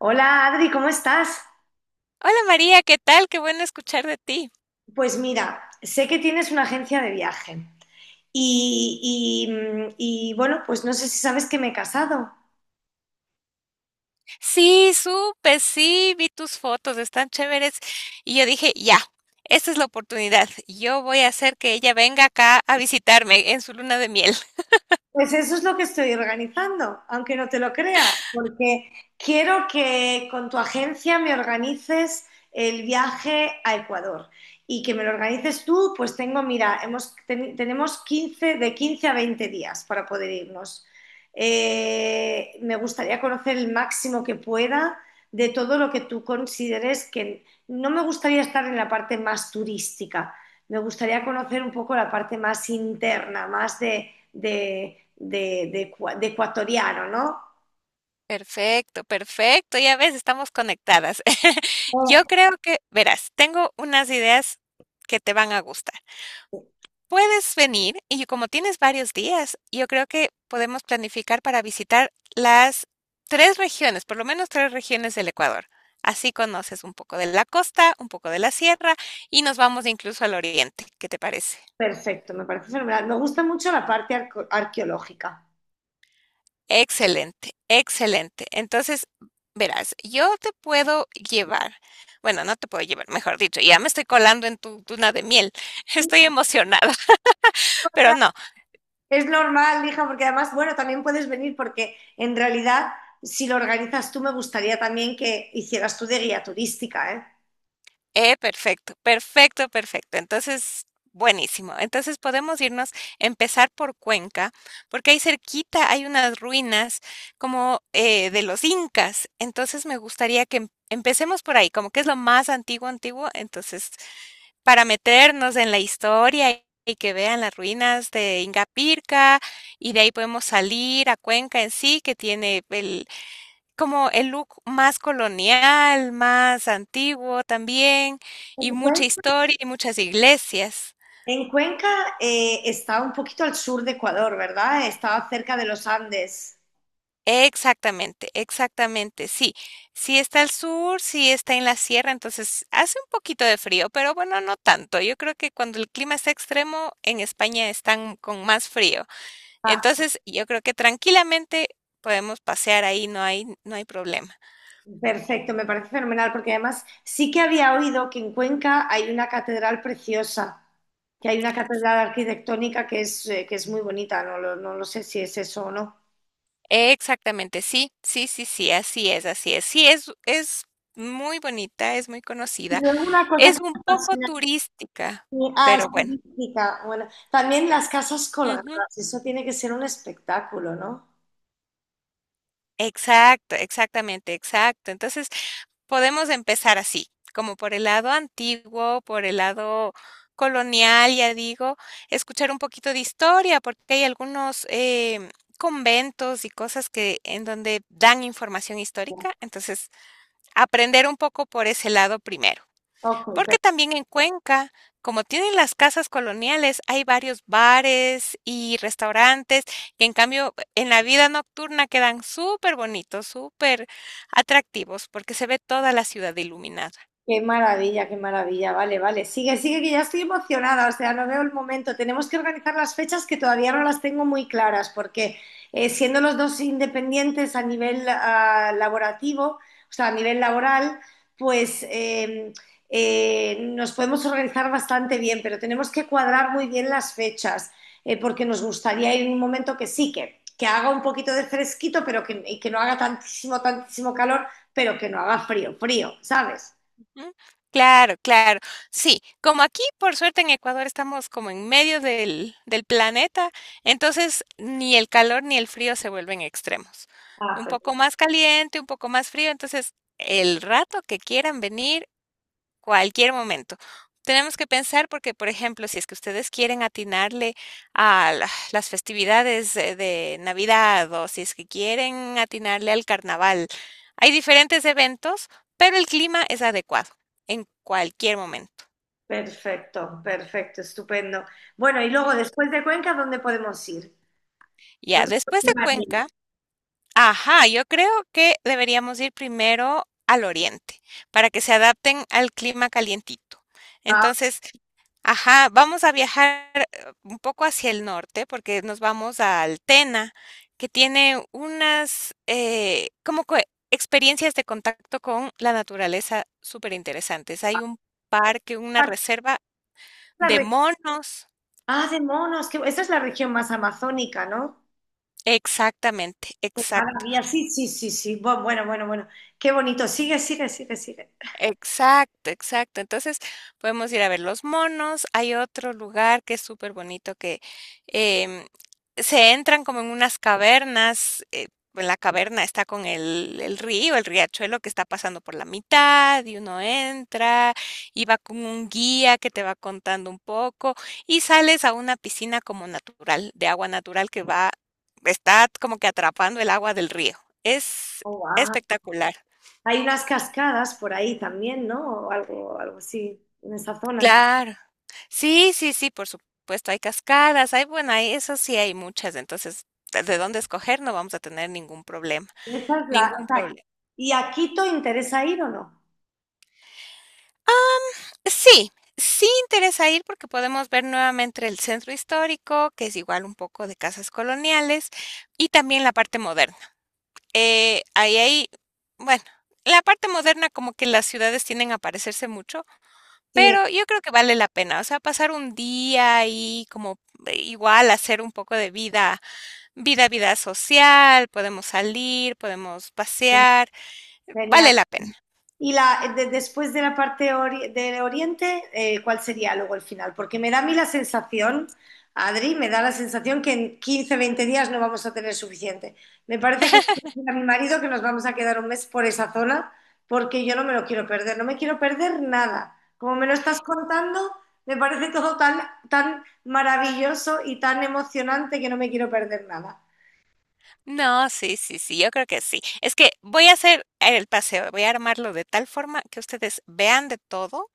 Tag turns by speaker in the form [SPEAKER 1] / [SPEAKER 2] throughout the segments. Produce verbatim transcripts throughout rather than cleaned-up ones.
[SPEAKER 1] Hola Adri, ¿cómo estás?
[SPEAKER 2] Hola María, ¿qué tal? Qué bueno escuchar de ti.
[SPEAKER 1] Pues mira, sé que tienes una agencia de viaje y, y, mm, y, bueno, pues no sé si sabes que me he casado.
[SPEAKER 2] Sí, supe, sí, vi tus fotos, están chéveres. Y yo dije, ya, esta es la oportunidad. Yo voy a hacer que ella venga acá a visitarme en su luna de miel.
[SPEAKER 1] Pues eso es lo que estoy organizando, aunque no te lo creas, porque quiero que con tu agencia me organices el viaje a Ecuador y que me lo organices tú, pues tengo, mira, hemos, ten- tenemos quince de quince a veinte días para poder irnos. Eh, me gustaría conocer el máximo que pueda de todo lo que tú consideres que no me gustaría estar en la parte más turística, me gustaría conocer un poco la parte más interna, más de de, de, de de ecuatoriano, ¿no?
[SPEAKER 2] Perfecto, perfecto, ya ves, estamos conectadas. Yo
[SPEAKER 1] Oh,
[SPEAKER 2] creo que, verás, tengo unas ideas que te van a gustar. Puedes venir y como tienes varios días, yo creo que podemos planificar para visitar las tres regiones, por lo menos tres regiones del Ecuador. Así conoces un poco de la costa, un poco de la sierra y nos vamos incluso al oriente. ¿Qué te parece?
[SPEAKER 1] perfecto, me parece fenomenal. Me gusta mucho la parte arco- arqueológica.
[SPEAKER 2] Excelente, excelente. Entonces, verás, yo te puedo llevar, bueno, no te puedo llevar, mejor dicho, ya me estoy colando en tu luna de miel. Estoy emocionada, pero no.
[SPEAKER 1] Es normal, hija, porque además, bueno, también puedes venir porque en realidad, si lo organizas tú, me gustaría también que hicieras tú de guía turística, ¿eh?
[SPEAKER 2] Eh, perfecto, perfecto, perfecto. Entonces, buenísimo. Entonces podemos irnos, empezar por Cuenca, porque ahí cerquita hay unas ruinas como eh, de los incas. Entonces me gustaría que em- empecemos por ahí, como que es lo más antiguo, antiguo. Entonces, para meternos en la historia y y que vean las ruinas de Ingapirca, y de ahí podemos salir a Cuenca en sí, que tiene el como el look más colonial, más antiguo también, y
[SPEAKER 1] ¿En
[SPEAKER 2] mucha
[SPEAKER 1] Cuenca?
[SPEAKER 2] historia y muchas iglesias.
[SPEAKER 1] En Cuenca eh, está un poquito al sur de Ecuador, ¿verdad? Está cerca de los Andes.
[SPEAKER 2] Exactamente, exactamente, sí. Sí está al sur, sí está en la sierra, entonces hace un poquito de frío, pero bueno, no tanto. Yo creo que cuando el clima está extremo, en España están con más frío. Entonces, yo creo que tranquilamente podemos pasear ahí, no hay, no hay problema.
[SPEAKER 1] Perfecto, me parece fenomenal, porque además sí que había oído que en Cuenca hay una catedral preciosa, que hay una catedral arquitectónica que es, eh, que es muy bonita, no lo, no lo sé si es eso o no.
[SPEAKER 2] Exactamente, sí, sí, sí, sí, así es, así es. Sí, es, es muy bonita, es muy
[SPEAKER 1] Y
[SPEAKER 2] conocida,
[SPEAKER 1] luego una cosa que
[SPEAKER 2] es un
[SPEAKER 1] me
[SPEAKER 2] poco
[SPEAKER 1] apasiona,
[SPEAKER 2] turística,
[SPEAKER 1] eh, ah, es
[SPEAKER 2] pero bueno.
[SPEAKER 1] turística, bueno, también las casas colgadas,
[SPEAKER 2] Ujú.
[SPEAKER 1] eso tiene que ser un espectáculo, ¿no?
[SPEAKER 2] Exacto, exactamente, exacto. Entonces, podemos empezar así, como por el lado antiguo, por el lado colonial, ya digo, escuchar un poquito de historia, porque hay algunos em, conventos y cosas que en donde dan información histórica, entonces aprender un poco por ese lado primero.
[SPEAKER 1] Ok.
[SPEAKER 2] Porque también en Cuenca, como tienen las casas coloniales, hay varios bares y restaurantes que en cambio en la vida nocturna quedan súper bonitos, súper atractivos, porque se ve toda la ciudad iluminada.
[SPEAKER 1] Qué maravilla, qué maravilla. Vale, vale. Sigue, sigue, que ya estoy emocionada. O sea, no veo el momento. Tenemos que organizar las fechas que todavía no las tengo muy claras, porque eh, siendo los dos independientes a nivel ah, laborativo, o sea, a nivel laboral, pues eh, eh, nos podemos organizar bastante bien, pero tenemos que cuadrar muy bien las fechas, eh, porque nos gustaría ir en un momento que sí, que, que haga un poquito de fresquito, pero que, y que no haga tantísimo, tantísimo calor, pero que no haga frío, frío, ¿sabes?
[SPEAKER 2] Ujú. Claro, claro. Sí, como aquí, por suerte en Ecuador estamos como en medio del, del planeta, entonces ni el calor ni el frío se vuelven extremos.
[SPEAKER 1] Ah,
[SPEAKER 2] Un
[SPEAKER 1] fe-
[SPEAKER 2] poco más caliente, un poco más frío, entonces el rato que quieran venir. Cualquier momento. Tenemos que pensar porque, por ejemplo, si es que ustedes quieren atinarle a la- las festividades eh, de Navidad o si es que quieren atinarle al carnaval, hay diferentes eventos, pero el clima es adecuado en cualquier momento.
[SPEAKER 1] Perfecto, perfecto, estupendo. Bueno, y luego
[SPEAKER 2] ¿M?
[SPEAKER 1] después de Cuenca, ¿dónde podemos ir?
[SPEAKER 2] Ya,
[SPEAKER 1] ¿Dónde
[SPEAKER 2] después de
[SPEAKER 1] podemos
[SPEAKER 2] Cuenca,
[SPEAKER 1] ir?
[SPEAKER 2] ajá, yo creo que deberíamos ir primero al oriente para que se adapten al clima calientito.
[SPEAKER 1] Ah,
[SPEAKER 2] Entonces, ajá, vamos a viajar eh, un poco hacia el norte porque nos vamos a Altena, que tiene unas eh, como que experiencias de contacto con la naturaleza súper interesantes. Hay un parque, una
[SPEAKER 1] ah,
[SPEAKER 2] reserva
[SPEAKER 1] la
[SPEAKER 2] de
[SPEAKER 1] re-
[SPEAKER 2] monos.
[SPEAKER 1] ah, de monos, que esta es la región más amazónica, ¿no?
[SPEAKER 2] Exactamente, exacto.
[SPEAKER 1] Maravilla, sí, sí, sí, sí. Bu- Bueno, bueno, bueno. Qué bonito. Sigue, sigue, sigue, sigue.
[SPEAKER 2] Exacto, exacto. Entonces, podemos ir a ver los monos. Hay otro lugar que es súper bonito que em, se entran como en unas cavernas. Eh, en la caverna está con el, el río, el riachuelo que está pasando por la mitad y uno entra y va con un guía que te va contando un poco y sales a una piscina como natural, de agua natural que va, está como que atrapando el agua del río. Es
[SPEAKER 1] Oh, wow.
[SPEAKER 2] espectacular.
[SPEAKER 1] Hay unas cascadas por ahí también, ¿no? O algo, algo así, en esa zona.
[SPEAKER 2] Claro. Sí, sí, sí, por supuesto, hay cascadas, hay, bueno, hay eso sí hay muchas, entonces, de de dónde escoger no vamos a tener ningún problema,
[SPEAKER 1] Esa es la,
[SPEAKER 2] ningún
[SPEAKER 1] esa-
[SPEAKER 2] problema.
[SPEAKER 1] ¿Y a Quito interesa ir o no?
[SPEAKER 2] Sí, sí interesa ir porque podemos ver nuevamente el centro histórico, que es igual un poco de casas coloniales, y también la parte moderna. Eh, ahí hay, bueno, la parte moderna como que las ciudades tienden a parecerse mucho,
[SPEAKER 1] Sí,
[SPEAKER 2] pero yo creo que vale la pena, o sea, pasar un día ahí como eh, igual hacer un poco de vida vida, vida social, podemos salir, podemos pasear,
[SPEAKER 1] genial.
[SPEAKER 2] vale la pena.
[SPEAKER 1] Y la, de- después de la parte ori- del Oriente, eh, ¿cuál sería luego el final? Porque me da a mí la sensación, Adri, me da la sensación que en quince, veinte días no vamos a tener suficiente. Me parece que le voy a decir a mi marido que nos vamos a quedar un mes por esa zona porque yo no me lo quiero perder, no me quiero perder nada. Como me lo estás contando, me parece todo tan, tan maravilloso y tan emocionante que no me quiero perder nada.
[SPEAKER 2] No, sí, sí, sí, yo creo que sí. Es que voy a hacer el paseo, voy a armarlo de tal forma que ustedes vean de todo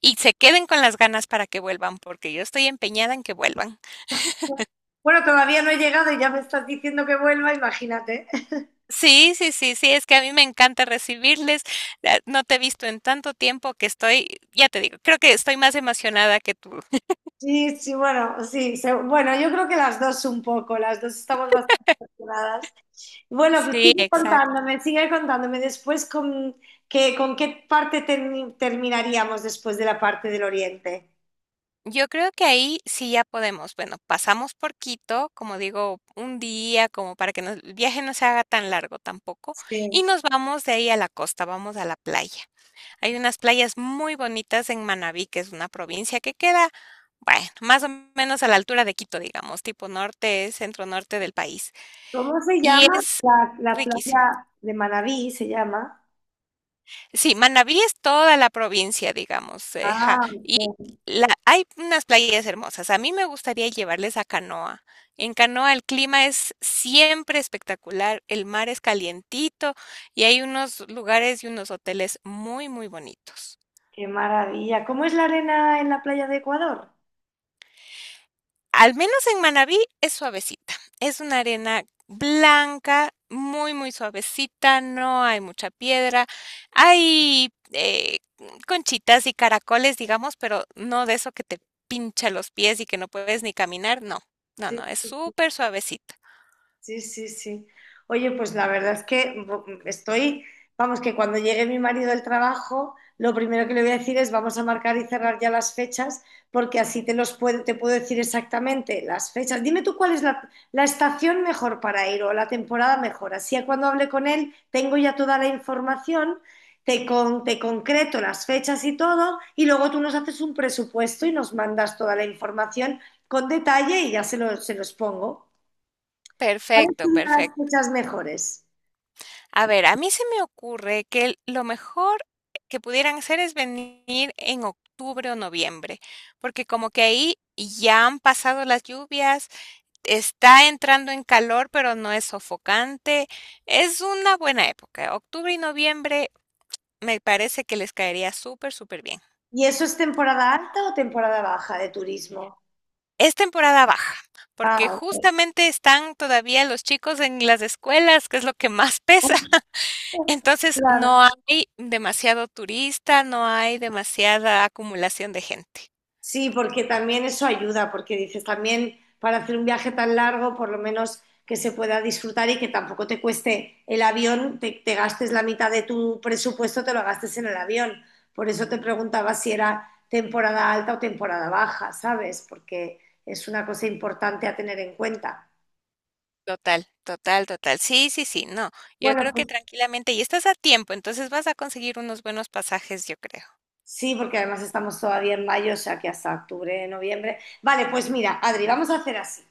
[SPEAKER 2] y se queden con las ganas para que vuelvan, porque yo estoy empeñada en que vuelvan.
[SPEAKER 1] Bueno, todavía no he llegado y ya me estás diciendo que vuelva, imagínate.
[SPEAKER 2] Sí, sí, sí, sí, es que a mí me encanta recibirles. Ah, no te he visto en tanto tiempo que estoy, ya te digo, creo que estoy más emocionada que tú.
[SPEAKER 1] Sí, sí, bueno, sí, se- bueno, yo creo que las dos un poco, las dos estamos bastante afortunadas. Bueno, pues
[SPEAKER 2] Sí,
[SPEAKER 1] sigue
[SPEAKER 2] exacto.
[SPEAKER 1] contándome, sigue contándome después con, que, con, qué parte termi- terminaríamos después de la parte del oriente.
[SPEAKER 2] Yo creo que ahí sí ya podemos. Bueno, pasamos por Quito, como digo, un día, como para que nos- el viaje no se haga tan largo tampoco, y
[SPEAKER 1] Sí.
[SPEAKER 2] nos vamos de ahí a la costa, vamos a la playa. Hay unas playas muy bonitas en Manabí, que es una provincia que queda, bueno, más o menos a la altura de Quito, digamos, tipo norte, centro norte del país.
[SPEAKER 1] ¿Cómo se
[SPEAKER 2] Y
[SPEAKER 1] llama?
[SPEAKER 2] es
[SPEAKER 1] La, la
[SPEAKER 2] riquísimo.
[SPEAKER 1] playa de Manabí se llama.
[SPEAKER 2] Sí, Manabí es toda la provincia, digamos, eh, ja,
[SPEAKER 1] Ah,
[SPEAKER 2] y
[SPEAKER 1] ok.
[SPEAKER 2] la, hay unas playas hermosas. A mí me gustaría llevarles a Canoa. En Canoa el clima es siempre espectacular, el mar es calientito y hay unos lugares y unos hoteles muy, muy bonitos.
[SPEAKER 1] Qué maravilla. ¿Cómo es la arena en la playa de Ecuador?
[SPEAKER 2] Al menos en Manabí es suavecita. Es una arena blanca, muy, muy suavecita, no hay mucha piedra. Hay eh, conchitas y caracoles, digamos, pero no de eso que te pincha los pies y que no puedes ni caminar, no. No,
[SPEAKER 1] Sí.
[SPEAKER 2] no, es súper suavecita.
[SPEAKER 1] Sí, sí, sí. Oye, pues la verdad es que bu- estoy, vamos, que cuando llegue mi marido del trabajo, lo primero que le voy a decir es vamos a marcar y cerrar ya las fechas, porque así te los puedo, te puedo decir exactamente las fechas. Dime tú cuál es la, la estación mejor para ir o la temporada mejor. Así a cuando hable con él tengo ya toda la información, te, con, te concreto las fechas y todo, y luego tú nos haces un presupuesto y nos mandas toda la información con detalle y ya se lo- se los pongo. ¿Cuáles
[SPEAKER 2] Perfecto,
[SPEAKER 1] serían las
[SPEAKER 2] perfecto.
[SPEAKER 1] fechas mejores?
[SPEAKER 2] A ver, a mí se me ocurre que el- lo mejor que pudieran hacer es venir en octubre o noviembre, porque como que ahí ya han pasado las lluvias, está entrando en calor, pero no es sofocante. Es una buena época. Octubre y noviembre me parece que les caería súper, súper bien.
[SPEAKER 1] ¿Y eso es temporada alta o temporada baja de turismo?
[SPEAKER 2] Es temporada baja, porque
[SPEAKER 1] Ah,
[SPEAKER 2] justamente están todavía los chicos en las escuelas, que es lo que más pesa. Entonces
[SPEAKER 1] claro.
[SPEAKER 2] no hay demasiado turista, no hay demasiada acumulación de gente.
[SPEAKER 1] Sí, porque también eso ayuda, porque dices también para hacer un viaje tan largo, por lo menos que se pueda disfrutar y que tampoco te cueste el avión, te, te gastes la mitad de tu presupuesto, te lo gastes en el avión. Por eso te preguntaba si era temporada alta o temporada baja, ¿sabes? Porque es una cosa importante a tener en cuenta.
[SPEAKER 2] Total, total, total. Sí, sí, sí, no. Yo
[SPEAKER 1] Bueno,
[SPEAKER 2] creo que
[SPEAKER 1] pues.
[SPEAKER 2] tranquilamente, y estás a tiempo, entonces vas a conseguir unos buenos pasajes, yo creo.
[SPEAKER 1] Sí, porque además estamos todavía en mayo, o sea que hasta octubre, noviembre. Vale, pues mira, Adri, vamos a hacer así.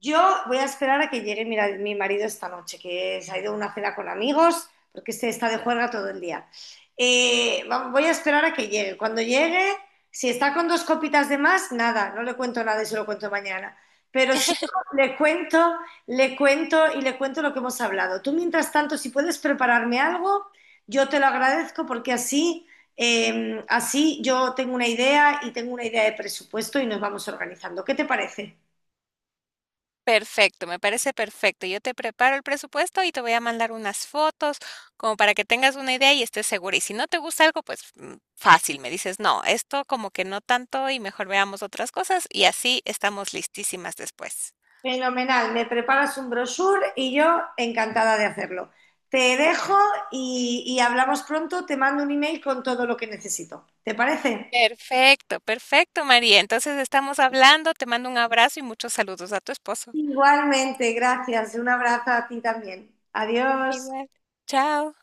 [SPEAKER 1] Yo voy a esperar a que llegue mi, mi marido esta noche, que se ha ido a una cena con amigos, porque este está de juerga todo el día. Eh, Voy a esperar a que llegue. Cuando llegue, si está con dos copitas de más, nada, no le cuento nada y se lo cuento mañana. Pero si no, le cuento, le cuento y le cuento lo que hemos hablado. Tú, mientras tanto, si puedes prepararme algo, yo te lo agradezco porque así, eh, así yo tengo una idea y tengo una idea de presupuesto y nos vamos organizando. ¿Qué te parece?
[SPEAKER 2] Perfecto, me parece perfecto. Yo te preparo el presupuesto y te voy a mandar unas fotos como para que tengas una idea y estés segura. Y si no te gusta algo, pues mm, fácil, me dices, no, esto como que no tanto y mejor veamos otras cosas y así estamos listísimas después.
[SPEAKER 1] Fenomenal, me preparas un brochure y yo encantada de hacerlo. Te dejo y, y hablamos pronto, te mando un email con todo lo que necesito. ¿Te parece?
[SPEAKER 2] Perfecto, perfecto, María. Entonces estamos hablando, te mando un abrazo y muchos saludos a tu esposo.
[SPEAKER 1] Igualmente, gracias. Un abrazo a ti también. Adiós.
[SPEAKER 2] Igual. Chao.